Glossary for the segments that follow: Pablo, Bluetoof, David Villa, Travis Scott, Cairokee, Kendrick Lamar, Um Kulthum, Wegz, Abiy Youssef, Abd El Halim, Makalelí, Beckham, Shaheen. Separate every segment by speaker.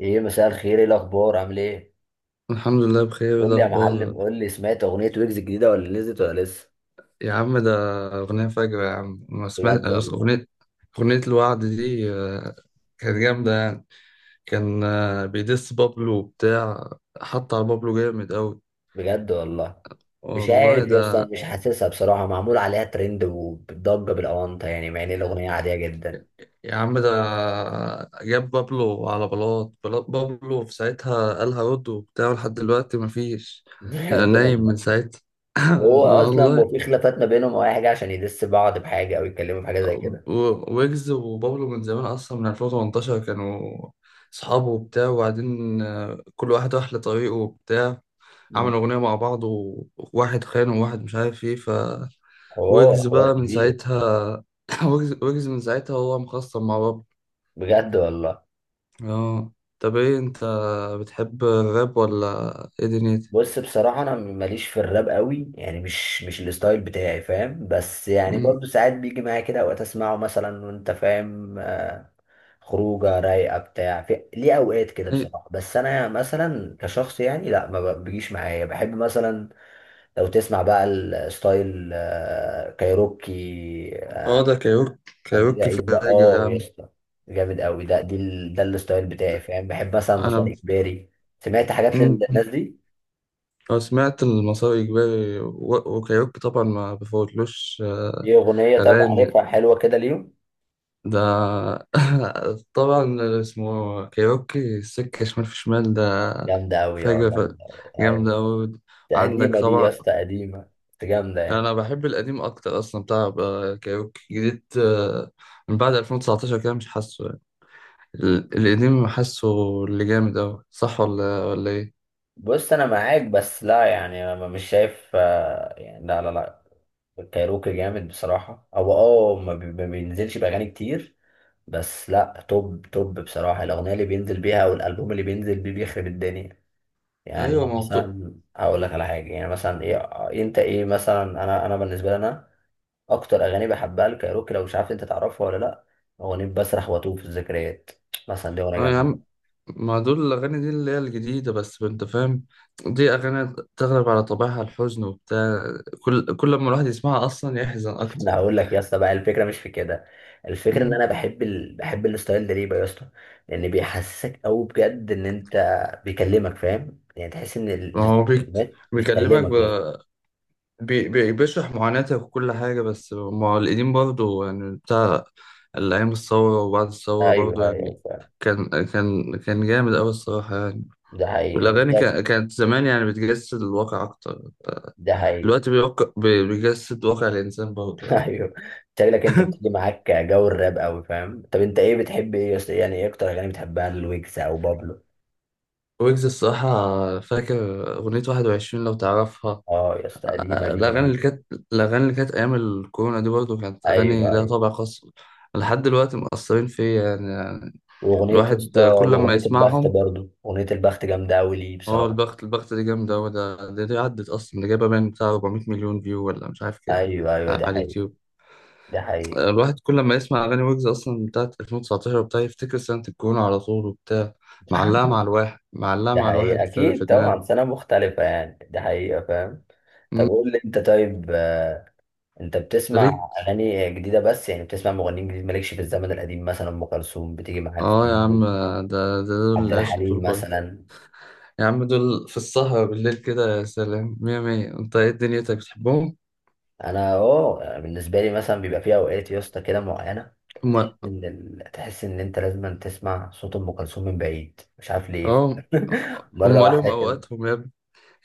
Speaker 1: ايه، مساء الخير. ايه الاخبار، عامل ايه؟
Speaker 2: الحمد لله بخير. إيه
Speaker 1: قول لي يا معلم،
Speaker 2: الأخبار؟
Speaker 1: قول لي، سمعت اغنيه ويجز الجديده ولا نزلت ولا لسه؟
Speaker 2: يا عم ده أغنية فجرة، يا عم. ما سمعت
Speaker 1: بجد والله.
Speaker 2: أغنية أغنية الوعد دي؟ كانت جامدة يعني. كان بيدس بابلو وبتاع. حط على بابلو جامد أوي.
Speaker 1: بجد والله. مش
Speaker 2: والله
Speaker 1: عارف يا اسطى، انا
Speaker 2: ده.
Speaker 1: مش حاسسها بصراحه. معمول عليها ترند وبتضجه بالاونطه يعني، مع ان الاغنيه عاديه جدا.
Speaker 2: يا عم ده جاب بابلو على بلاط، بابلو في ساعتها قال هرد وبتاع، لحد دلوقتي مفيش.
Speaker 1: بجد
Speaker 2: نايم من
Speaker 1: والله.
Speaker 2: ساعتها.
Speaker 1: هو اصلا ما
Speaker 2: والله.
Speaker 1: في خلافات ما بينهم او اي حاجه عشان يدس بعض بحاجه او يتكلموا في حاجه زي كده؟
Speaker 2: ويجز وبابلو من زمان اصلا، من 2018 كانوا صحابه وبتاع. وبعدين كل واحد راح لطريقه وبتاع.
Speaker 1: مم.
Speaker 2: عملوا اغنيه مع بعض، وواحد خان وواحد مش عارف ايه، ف
Speaker 1: حوار
Speaker 2: ويجز
Speaker 1: حوار
Speaker 2: بقى من
Speaker 1: كبير.
Speaker 2: ساعتها. ويجز من ساعتها هو مخصم مع بابلو.
Speaker 1: بجد والله.
Speaker 2: اه. طب ايه انت؟ بتحب الراب ولا ايه دنيتك؟
Speaker 1: بص، بصراحة أنا ماليش في الراب قوي، يعني مش الستايل بتاعي، فاهم؟ بس يعني
Speaker 2: مم.
Speaker 1: برضو ساعات بيجي معايا كده، أوقات أسمعه مثلا وأنت فاهم، خروجة رايقة بتاع في ليه أوقات كده،
Speaker 2: أي-.
Speaker 1: بصراحة. بس أنا مثلا كشخص يعني لا، ما بيجيش معايا. بحب مثلا لو تسمع بقى الستايل، كايروكي. آه،
Speaker 2: اه، ده كايروكي.
Speaker 1: أمير
Speaker 2: كايروكي في
Speaker 1: عيد بقى،
Speaker 2: الراجل يا
Speaker 1: يا
Speaker 2: عم.
Speaker 1: اسطى، جامد قوي. ده الستايل بتاعي، فاهم؟ بحب مثلا مسار
Speaker 2: انا.
Speaker 1: إجباري. سمعت حاجات للناس
Speaker 2: مم.
Speaker 1: دي؟
Speaker 2: أنا سمعت المسار إجباري وكايروكي، طبعا ما بفوتلوش.
Speaker 1: دي أغنية، طب
Speaker 2: أغاني
Speaker 1: عارفها؟ حلوة كده ليهم.
Speaker 2: ده. طبعا اسمه كايروكي، السكة شمال في شمال، ده
Speaker 1: جامدة أوي،
Speaker 2: فجرة. ف-.
Speaker 1: جامدة أوي.
Speaker 2: جامدة
Speaker 1: أيوة.
Speaker 2: أوي.
Speaker 1: دي
Speaker 2: عندك
Speaker 1: قديمة دي يا
Speaker 2: طبعا.
Speaker 1: اسطى، قديمة. بس جامدة يعني.
Speaker 2: أنا بحب القديم أكتر أصلا، بتاع كايروكي جديد، من بعد 2019 كده مش حاسه يعني. القديم حاسه اللي جامد أوي. صح ولا إيه؟
Speaker 1: بص أنا معاك، بس لا يعني، أنا مش شايف، يعني لا، لا، لا. الكايروكي جامد بصراحة، هو أه ما بي- ما بينزلش بأغاني كتير. بس لا، توب توب بصراحة، الأغنية اللي بينزل بيها أو الألبوم اللي بينزل بيه بيخرب الدنيا. يعني
Speaker 2: أيوة
Speaker 1: أنا
Speaker 2: موضوع.
Speaker 1: مثلا هقول لك على حاجة، يعني مثلا إيه، أنت إيه مثلا، أنا بالنسبة لي، أنا اكتر اغاني بحبها لكايروكي، لو مش عارف انت تعرفها ولا لا؟ اغنيه بسرح واتوه في الذكريات، مثلا دي اغنيه
Speaker 2: اه يا
Speaker 1: جامده.
Speaker 2: عم، ما دول الأغاني دي اللي هي الجديدة، بس أنت فاهم. دي أغاني تغلب على طبعها الحزن وبتاع. كل لما الواحد يسمعها أصلا يحزن أكتر.
Speaker 1: انا هقول لك يا اسطى بقى، الفكره مش في كده. الفكره ان
Speaker 2: مم.
Speaker 1: انا بحب الستايل ده ليه بقى يا اسطى؟ لان بيحسسك قوي بجد ان انت، بيكلمك فاهم، يعني تحس ان
Speaker 2: ما هو بيك،
Speaker 1: الكلمات
Speaker 2: بيكلمك ب...
Speaker 1: بتكلمك يا اسطى.
Speaker 2: بي... بي... بيشرح معاناتك وكل حاجة. بس ما هو القديم برضه يعني، بتاع الأيام الثورة وبعد الثورة
Speaker 1: ايوه
Speaker 2: برضه يعني.
Speaker 1: ايوه فعلا.
Speaker 2: كان جامد أوي الصراحة يعني.
Speaker 1: ده حقيقي، انت
Speaker 2: والأغاني
Speaker 1: شايف.
Speaker 2: كانت زمان يعني بتجسد الواقع أكتر.
Speaker 1: ده حقيقي.
Speaker 2: دلوقتي بيجسد واقع الإنسان برضه يعني.
Speaker 1: ايوه. شكلك انت بتيجي معاك جو الراب قوي، فاهم؟ طب انت ايه بتحب، ايه يا اسطى؟ يعني ايه اكتر اغاني بتحبها لويجز او بابلو؟
Speaker 2: ويجز الصراحة، فاكر أغنية 21 لو تعرفها.
Speaker 1: اه يا اسطى، قديمة
Speaker 2: آه،
Speaker 1: دي،
Speaker 2: الأغاني اللي
Speaker 1: جميلة.
Speaker 2: كانت الأغاني اللي كانت أيام الكورونا دي برضه، كانت أغاني
Speaker 1: ايوه
Speaker 2: لها
Speaker 1: ايوه.
Speaker 2: طابع خاص. لحد دلوقتي مأثرين فيا يعني،
Speaker 1: واغنية يا
Speaker 2: الواحد
Speaker 1: اسطى،
Speaker 2: كل لما
Speaker 1: واغنية البخت
Speaker 2: يسمعهم.
Speaker 1: برضو، اغنية البخت جامدة اوي، ليه
Speaker 2: هو
Speaker 1: بصراحة.
Speaker 2: البخت دي جامدة أوي. ده دي عدت أصلا، دي جايبة باين بتاع 400 مليون فيو، ولا مش عارف كام،
Speaker 1: ايوه ايوه، ده
Speaker 2: على
Speaker 1: حقيقي.
Speaker 2: اليوتيوب.
Speaker 1: ده حقيقي.
Speaker 2: الواحد كل لما يسمع أغاني ويجز أصلا بتاعت 2019 وبتاع، يفتكر سنة الكورونا على طول وبتاع. معلقة
Speaker 1: ده
Speaker 2: مع
Speaker 1: حقيقي،
Speaker 2: الواحد في
Speaker 1: اكيد
Speaker 2: دماغه.
Speaker 1: طبعا، سنة مختلفة يعني، ده حقيقة فاهم. طب
Speaker 2: مم.
Speaker 1: قول لي انت، طيب، انت بتسمع
Speaker 2: ليك.
Speaker 1: اغاني جديدة بس يعني؟ بتسمع مغنيين جديد، مالكش في الزمن القديم؟ مثلا ام كلثوم بتيجي معاك في
Speaker 2: اه يا
Speaker 1: اليوم؟
Speaker 2: عم، ده دول
Speaker 1: عبد
Speaker 2: العشق دول
Speaker 1: الحليم
Speaker 2: برضه.
Speaker 1: مثلا؟
Speaker 2: يا عم، دول في السهرة بالليل كده يا سلام، مية مية. انت ايه دنيتك، بتحبهم؟
Speaker 1: انا بالنسبة لي مثلا بيبقى في اوقات يا اسطى كده معينة،
Speaker 2: هما.
Speaker 1: إن تحس إن أنت لازم تسمع صوت أم كلثوم من بعيد، مش عارف ليه.
Speaker 2: اه،
Speaker 1: مرة
Speaker 2: هما ليهم
Speaker 1: واحدة كده.
Speaker 2: اوقاتهم يا ابني.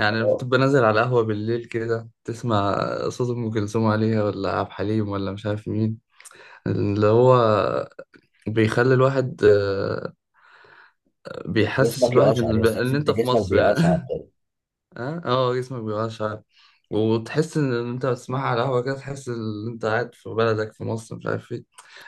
Speaker 2: يعني
Speaker 1: آه،
Speaker 2: بتبقى نازل على القهوة بالليل كده، تسمع صوت ام كلثوم عليها، ولا عبد الحليم، ولا مش عارف مين، اللي هو بيخلي الواحد، بيحسس
Speaker 1: جسمك
Speaker 2: الواحد
Speaker 1: يقشعر يا
Speaker 2: ان
Speaker 1: أستاذ، تحس
Speaker 2: إن
Speaker 1: إن أنت
Speaker 2: انت في
Speaker 1: جسمك
Speaker 2: مصر
Speaker 1: بيقشعر.
Speaker 2: يعني. اه، اه، جسمك بيبقى شعر. وتحس ان انت بتسمعها على قهوه كده، تحس ان انت قاعد في بلدك في مصر، مش عارف ايه.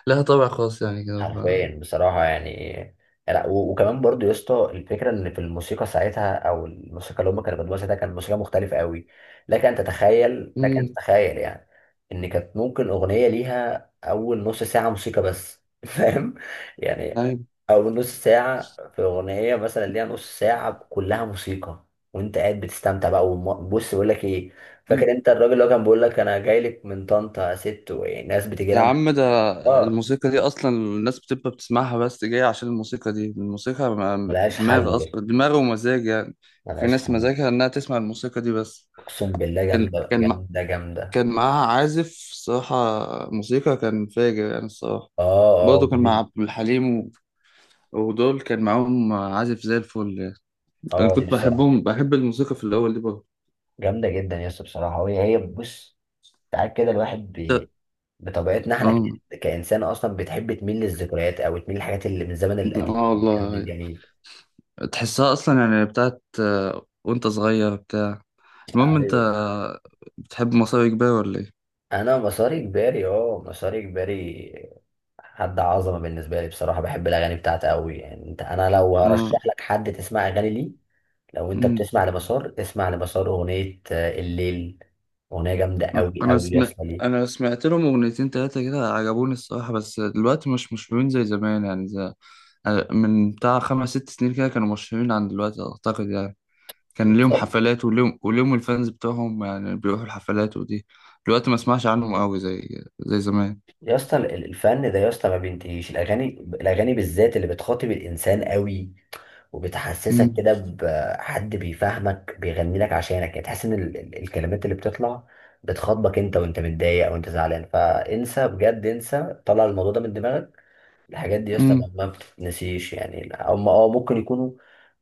Speaker 2: لها طابع خاص يعني كده. ف-.
Speaker 1: حرفيا بصراحة يعني. لا، وكمان برضو يا اسطى، الفكرة ان في الموسيقى ساعتها او الموسيقى اللي هم كانوا بيقدموها ساعتها، كانت موسيقى مختلفة قوي. لك ان تتخيل، لك ان
Speaker 2: امم.
Speaker 1: تتخيل يعني، ان كانت ممكن اغنية ليها اول نص ساعة موسيقى بس، فاهم؟ يعني
Speaker 2: ايوه.
Speaker 1: اول نص ساعة في اغنية، مثلا ليها نص ساعة كلها موسيقى، وانت قاعد بتستمتع بقى، بص بقول لك ايه، فاكر
Speaker 2: أمم.
Speaker 1: انت الراجل اللي هو كان بيقول لك انا جاي لك من طنطا يا ست، وناس بتجي
Speaker 2: يا
Speaker 1: لها
Speaker 2: عم ده
Speaker 1: اه.
Speaker 2: الموسيقى دي اصلا الناس بتبقى بتسمعها، بس جاية عشان الموسيقى دي. الموسيقى
Speaker 1: ملهاش
Speaker 2: دماغ،
Speaker 1: حل،
Speaker 2: دماغ ومزاج يعني. في
Speaker 1: ملهاش
Speaker 2: ناس
Speaker 1: حل.
Speaker 2: مزاجها انها تسمع الموسيقى دي بس.
Speaker 1: اقسم بالله،
Speaker 2: كان
Speaker 1: جامده
Speaker 2: كان مع-
Speaker 1: جامده جامده.
Speaker 2: كان معاها عازف الصراحة موسيقى، كان فاجر يعني الصراحة.
Speaker 1: اه اه،
Speaker 2: برضه كان مع
Speaker 1: جميل.
Speaker 2: عبد الحليم، ودول كان معاهم عازف زي الفل يعني. انا
Speaker 1: اه، دي
Speaker 2: كنت
Speaker 1: بصراحه.
Speaker 2: بحبهم، بحب الموسيقى في الاول دي برضه.
Speaker 1: جامده جدا يا اسطى بصراحه. وهي هي بص، ساعات كده الواحد بطبيعتنا احنا
Speaker 2: اه،
Speaker 1: كانسان اصلا بتحب تميل للذكريات او تميل للحاجات اللي من الزمن
Speaker 2: اه،
Speaker 1: القديم، من الزمن
Speaker 2: والله.
Speaker 1: الجميل.
Speaker 2: تحسها اصلا يعني بتاعت، وانت صغير بتاع المهم انت،
Speaker 1: ايوه.
Speaker 2: بتحب مصاري كبير ولا ايه؟
Speaker 1: انا مساري كباري، مساري كباري. حد عظمه بالنسبه لي بصراحه، بحب الاغاني بتاعته قوي يعني. انت، انا لو
Speaker 2: اه.
Speaker 1: هرشح لك حد تسمع اغاني ليه، لو انت
Speaker 2: أمم.
Speaker 1: بتسمع لمسار، اسمع لمسار اغنيه، الليل. اغنيه جامده قوي
Speaker 2: انا
Speaker 1: قوي يا
Speaker 2: سمعت
Speaker 1: اسطى دي.
Speaker 2: انا سمعت لهم اغنيتين تلاتة كده، عجبوني الصراحة. بس دلوقتي مش مشهورين زي زمان يعني، زي... من بتاع خمس ست سنين كده كانوا مشهورين عن دلوقتي اعتقد يعني. كان
Speaker 1: يا
Speaker 2: ليهم
Speaker 1: اسطى
Speaker 2: حفلات، وليهم الفانز بتوعهم، يعني بيروحوا الحفلات ودي. دلوقتي ما اسمعش عنهم قوي زي زمان.
Speaker 1: يا اسطى، الفن ده يا اسطى ما بينتهيش الاغاني. الاغاني بالذات اللي بتخاطب الانسان قوي، وبتحسسك
Speaker 2: امم،
Speaker 1: كده بحد بيفهمك بيغني لك عشانك، يعني تحس ان الكلمات اللي بتطلع بتخاطبك انت وانت متضايق او انت زعلان، فانسى بجد، انسى، طلع الموضوع ده من دماغك. الحاجات دي يا اسطى
Speaker 2: امم.
Speaker 1: ما بتتنسيش يعني. هم ممكن يكونوا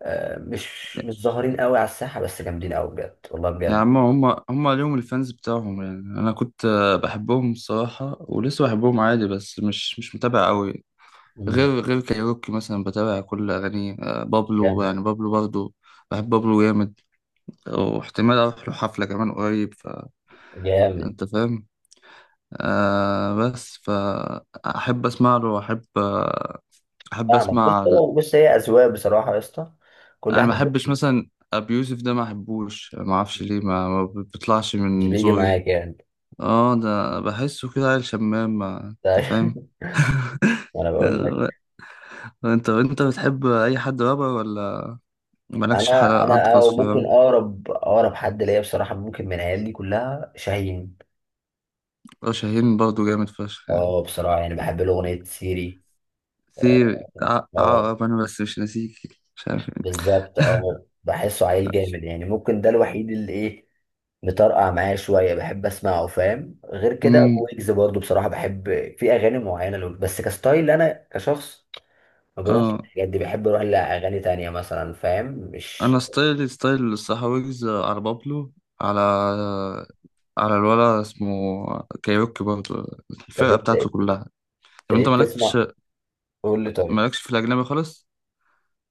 Speaker 1: مش متظاهرين قوي على الساحه، بس جامدين قوي بجد، والله
Speaker 2: يا عم،
Speaker 1: بجد.
Speaker 2: هم ليهم الفانز بتاعهم يعني. انا كنت، بحبهم الصراحة، ولسه بحبهم عادي، بس مش متابع قوي.
Speaker 1: مم.
Speaker 2: غير كايروكي مثلا، بتابع كل اغانيه. بابلو
Speaker 1: جامد
Speaker 2: يعني، بابلو برضو، بحب بابلو جامد. واحتمال اروح له حفلة كمان قريب.
Speaker 1: جامد.
Speaker 2: فانت فاهم. آه، بس فأحب أسمع له، وأحب، أحب
Speaker 1: فاهمك.
Speaker 2: أسمع
Speaker 1: بص، هي اذواق بصراحه يا اسطى. كل
Speaker 2: أنا ما
Speaker 1: واحد.
Speaker 2: أحبش مثلا أبي يوسف ده، ما أحبوش، ما أعرفش ليه، ما بيطلعش
Speaker 1: مش
Speaker 2: من
Speaker 1: بيجي
Speaker 2: زوري.
Speaker 1: معاك يعني.
Speaker 2: آه، ده بحسه كده عيل شمام، ما أنت
Speaker 1: طيب.
Speaker 2: فاهم.
Speaker 1: انا بقول
Speaker 2: آه،
Speaker 1: لك.
Speaker 2: أنت بتحب أي حد رابر؟ ولا مالكش حد
Speaker 1: انا
Speaker 2: حد
Speaker 1: انا أو
Speaker 2: خاص في
Speaker 1: ممكن،
Speaker 2: الراب؟
Speaker 1: اقرب حد ليا بصراحه، ممكن من عيال دي كلها شاهين.
Speaker 2: شاهين برضه جامد فشخ يعني.
Speaker 1: اه بصراحه يعني بحب له اغنيه سيري. اه،
Speaker 2: سيري،
Speaker 1: آه.
Speaker 2: عقرب، أنا بس مش ناسيك، مش عارف إيه.
Speaker 1: بالظبط. اه بحسه عيل جامد يعني. ممكن ده الوحيد اللي ايه، مطرقع معايا شويه، بحب اسمعه فاهم. غير كده
Speaker 2: مم.
Speaker 1: ويجز برضو بصراحه بحب، في اغاني معينه له. بس كستايل انا كشخص ما بروحش
Speaker 2: آه.
Speaker 1: للحاجات دي، بحب اروح لاغاني تانية مثلا، فاهم مش.
Speaker 2: انا ستايلي ستايل السحاويجز، على بابلو، على على الولا اسمه كايروكي برضه،
Speaker 1: طب،
Speaker 2: الفرقه
Speaker 1: انت
Speaker 2: بتاعته
Speaker 1: انت
Speaker 2: كلها. طب انت
Speaker 1: ايه
Speaker 2: مالكش
Speaker 1: بتسمع؟ قول لي طيب.
Speaker 2: مالكش في الاجنبي خالص؟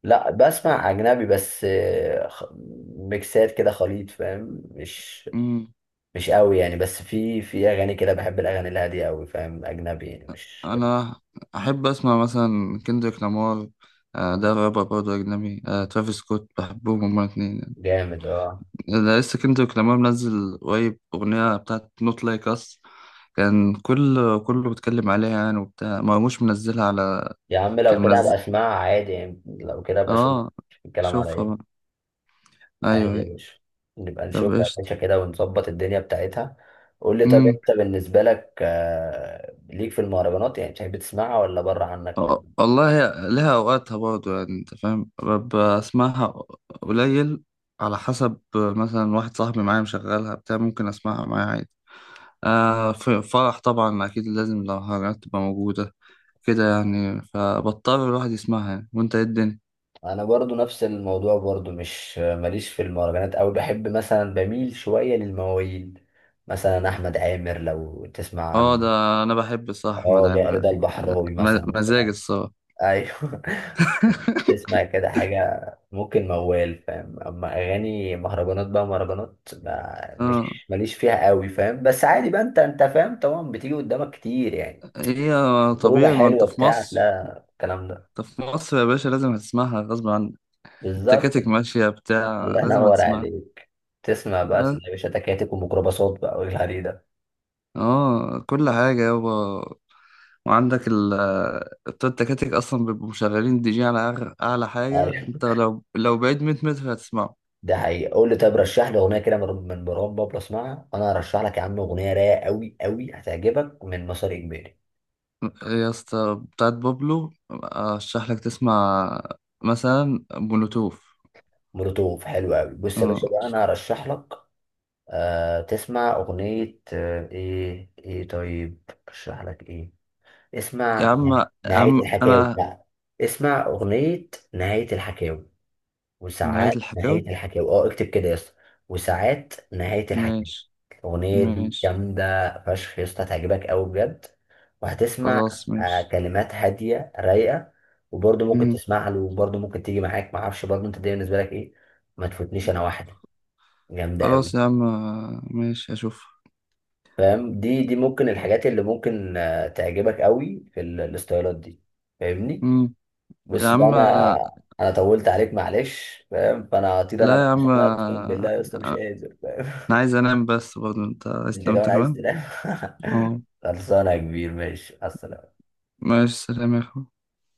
Speaker 1: لا بسمع اجنبي بس، ميكسات كده خليط، فاهم؟ مش
Speaker 2: امم.
Speaker 1: مش قوي يعني. بس في اغاني كده بحب الاغاني الهاديه قوي فاهم، اجنبي يعني مش.
Speaker 2: انا احب اسمع مثلا كندريك لامار، ده رابر برضه اجنبي، ترافيس سكوت. بحبهم هما الاتنين يعني.
Speaker 1: جامد. اه،
Speaker 2: ده لسه كندريك لامار منزل قريب اغنيه بتاعت نوت لايك اس، كان كل كله بيتكلم عليها يعني وبتاع، مرموش منزلها على،
Speaker 1: يا عم
Speaker 2: كان
Speaker 1: لو كده
Speaker 2: منزل.
Speaker 1: هبقى اسمعها عادي يعني، لو كده هبقى اشوف
Speaker 2: اه،
Speaker 1: الكلام على
Speaker 2: شوفها
Speaker 1: ايه.
Speaker 2: بقى. ايوه،
Speaker 1: عادي يا
Speaker 2: ايوه.
Speaker 1: باشا. نبقى
Speaker 2: طب
Speaker 1: نشوف يا
Speaker 2: قشطة.
Speaker 1: باشا كده، ونظبط الدنيا بتاعتها. قول لي طب،
Speaker 2: امم.
Speaker 1: انت بالنسبة لك، ليك في المهرجانات؟ يعني بتحب تسمعها ولا بره عنك؟
Speaker 2: أه، والله هي لها اوقاتها برضه يعني، انت فاهم، ببقى اسمعها قليل. على حسب، مثلا واحد صاحبي معايا مشغلها بتاع ممكن اسمعها معايا عادي. آه، في فرح طبعا اكيد لازم، لو حاجات تبقى موجودة كده يعني، فبضطر الواحد يسمعها يعني. وانت ايه الدنيا؟
Speaker 1: انا برضو نفس الموضوع، برضو مش ماليش في المهرجانات، او بحب مثلا بميل شوية للمواويل. مثلا احمد عامر لو تسمع
Speaker 2: اه،
Speaker 1: عن.
Speaker 2: ده انا بحب الصراحة احمد
Speaker 1: اه، ده
Speaker 2: عامر.
Speaker 1: رضا
Speaker 2: لا،
Speaker 1: البحراوي مثلا.
Speaker 2: مزاج الصراحة.
Speaker 1: ايوه. تسمع كده حاجة، ممكن موال فاهم. اما اغاني مهرجانات بقى، مهرجانات ما
Speaker 2: اه.
Speaker 1: مش ماليش فيها قوي، فاهم؟ بس عادي بقى. انت فاهم طبعا، بتيجي قدامك كتير يعني.
Speaker 2: هي.
Speaker 1: خروجة
Speaker 2: طبيعي، ما انت
Speaker 1: حلوة
Speaker 2: في
Speaker 1: بتاع،
Speaker 2: مصر.
Speaker 1: لا الكلام ده.
Speaker 2: انت في مصر يا باشا، لازم هتسمعها غصب عنك.
Speaker 1: بالظبط.
Speaker 2: التكاتك ماشية بتاع
Speaker 1: الله
Speaker 2: لازم
Speaker 1: ينور
Speaker 2: هتسمعها.
Speaker 1: عليك. تسمع بقى تلاقي يا باشا، تكاتك وميكروباصات بقى، والهري ده.
Speaker 2: اه، كل حاجة يابا. وعندك ال بتوع التكاتك أصلا بيبقوا مشغلين دي جي على أعلى حاجة.
Speaker 1: ايوه،
Speaker 2: أنت لو بعيد 100 متر هتسمعه.
Speaker 1: ده حقيقي. قول لي طب، رشح لي اغنيه كده من مروان بابلو اسمعها. انا هرشح لك يا عم اغنيه رايقه قوي قوي هتعجبك من مسار اجباري.
Speaker 2: يا اسطى، بتاعت بابلو أرشح لك تسمع مثلا بلوتوف.
Speaker 1: مولوتوف حلو قوي. بص يا باشا
Speaker 2: اه
Speaker 1: بقى، انا هرشح لك. تسمع اغنيه، ايه، طيب ارشح لك ايه.
Speaker 2: يا
Speaker 1: اسمع
Speaker 2: عم، يا
Speaker 1: نهايه
Speaker 2: عم
Speaker 1: الحكاوي
Speaker 2: أنا.
Speaker 1: بقى. اسمع اغنيه نهايه الحكاوي.
Speaker 2: نهاية
Speaker 1: وساعات
Speaker 2: الحكاوي.
Speaker 1: نهايه الحكاوي. اه اكتب كده يا اسطى. وساعات نهايه الحكاوي.
Speaker 2: ماشي،
Speaker 1: الاغنيه دي
Speaker 2: ماشي.
Speaker 1: جامده فشخ يا اسطى، هتعجبك قوي بجد. وهتسمع.
Speaker 2: خلاص، ماشي.
Speaker 1: كلمات هاديه رايقه. وبرضه ممكن
Speaker 2: مم.
Speaker 1: تسمع له، وبرضه ممكن تيجي معاك معرفش، برضه انت دي بالنسبه لك ايه؟ ما تفوتنيش، انا واحده. جامدة أوي.
Speaker 2: خلاص يا عم، ماشي أشوف.
Speaker 1: فاهم، دي ممكن الحاجات اللي ممكن تعجبك أوي في الاستايلات دي. فاهمني.
Speaker 2: مم. يا
Speaker 1: بس بقى
Speaker 2: عم.
Speaker 1: أنا، أنا طولت عليك معلش، فاهم؟ فأنا هطير أنا
Speaker 2: لا
Speaker 1: بقى،
Speaker 2: يا
Speaker 1: عشان
Speaker 2: عم،
Speaker 1: أنا أقسم بالله يا أسطى مش قادر فاهم.
Speaker 2: انا عايز انام، بس برضه انت عايز
Speaker 1: أنت
Speaker 2: تنام
Speaker 1: كمان
Speaker 2: انت
Speaker 1: عايز
Speaker 2: كمان.
Speaker 1: تنام.
Speaker 2: اه،
Speaker 1: خلصانة يا كبير، ماشي على السلامة.
Speaker 2: ماشي، سلام يا اخوي.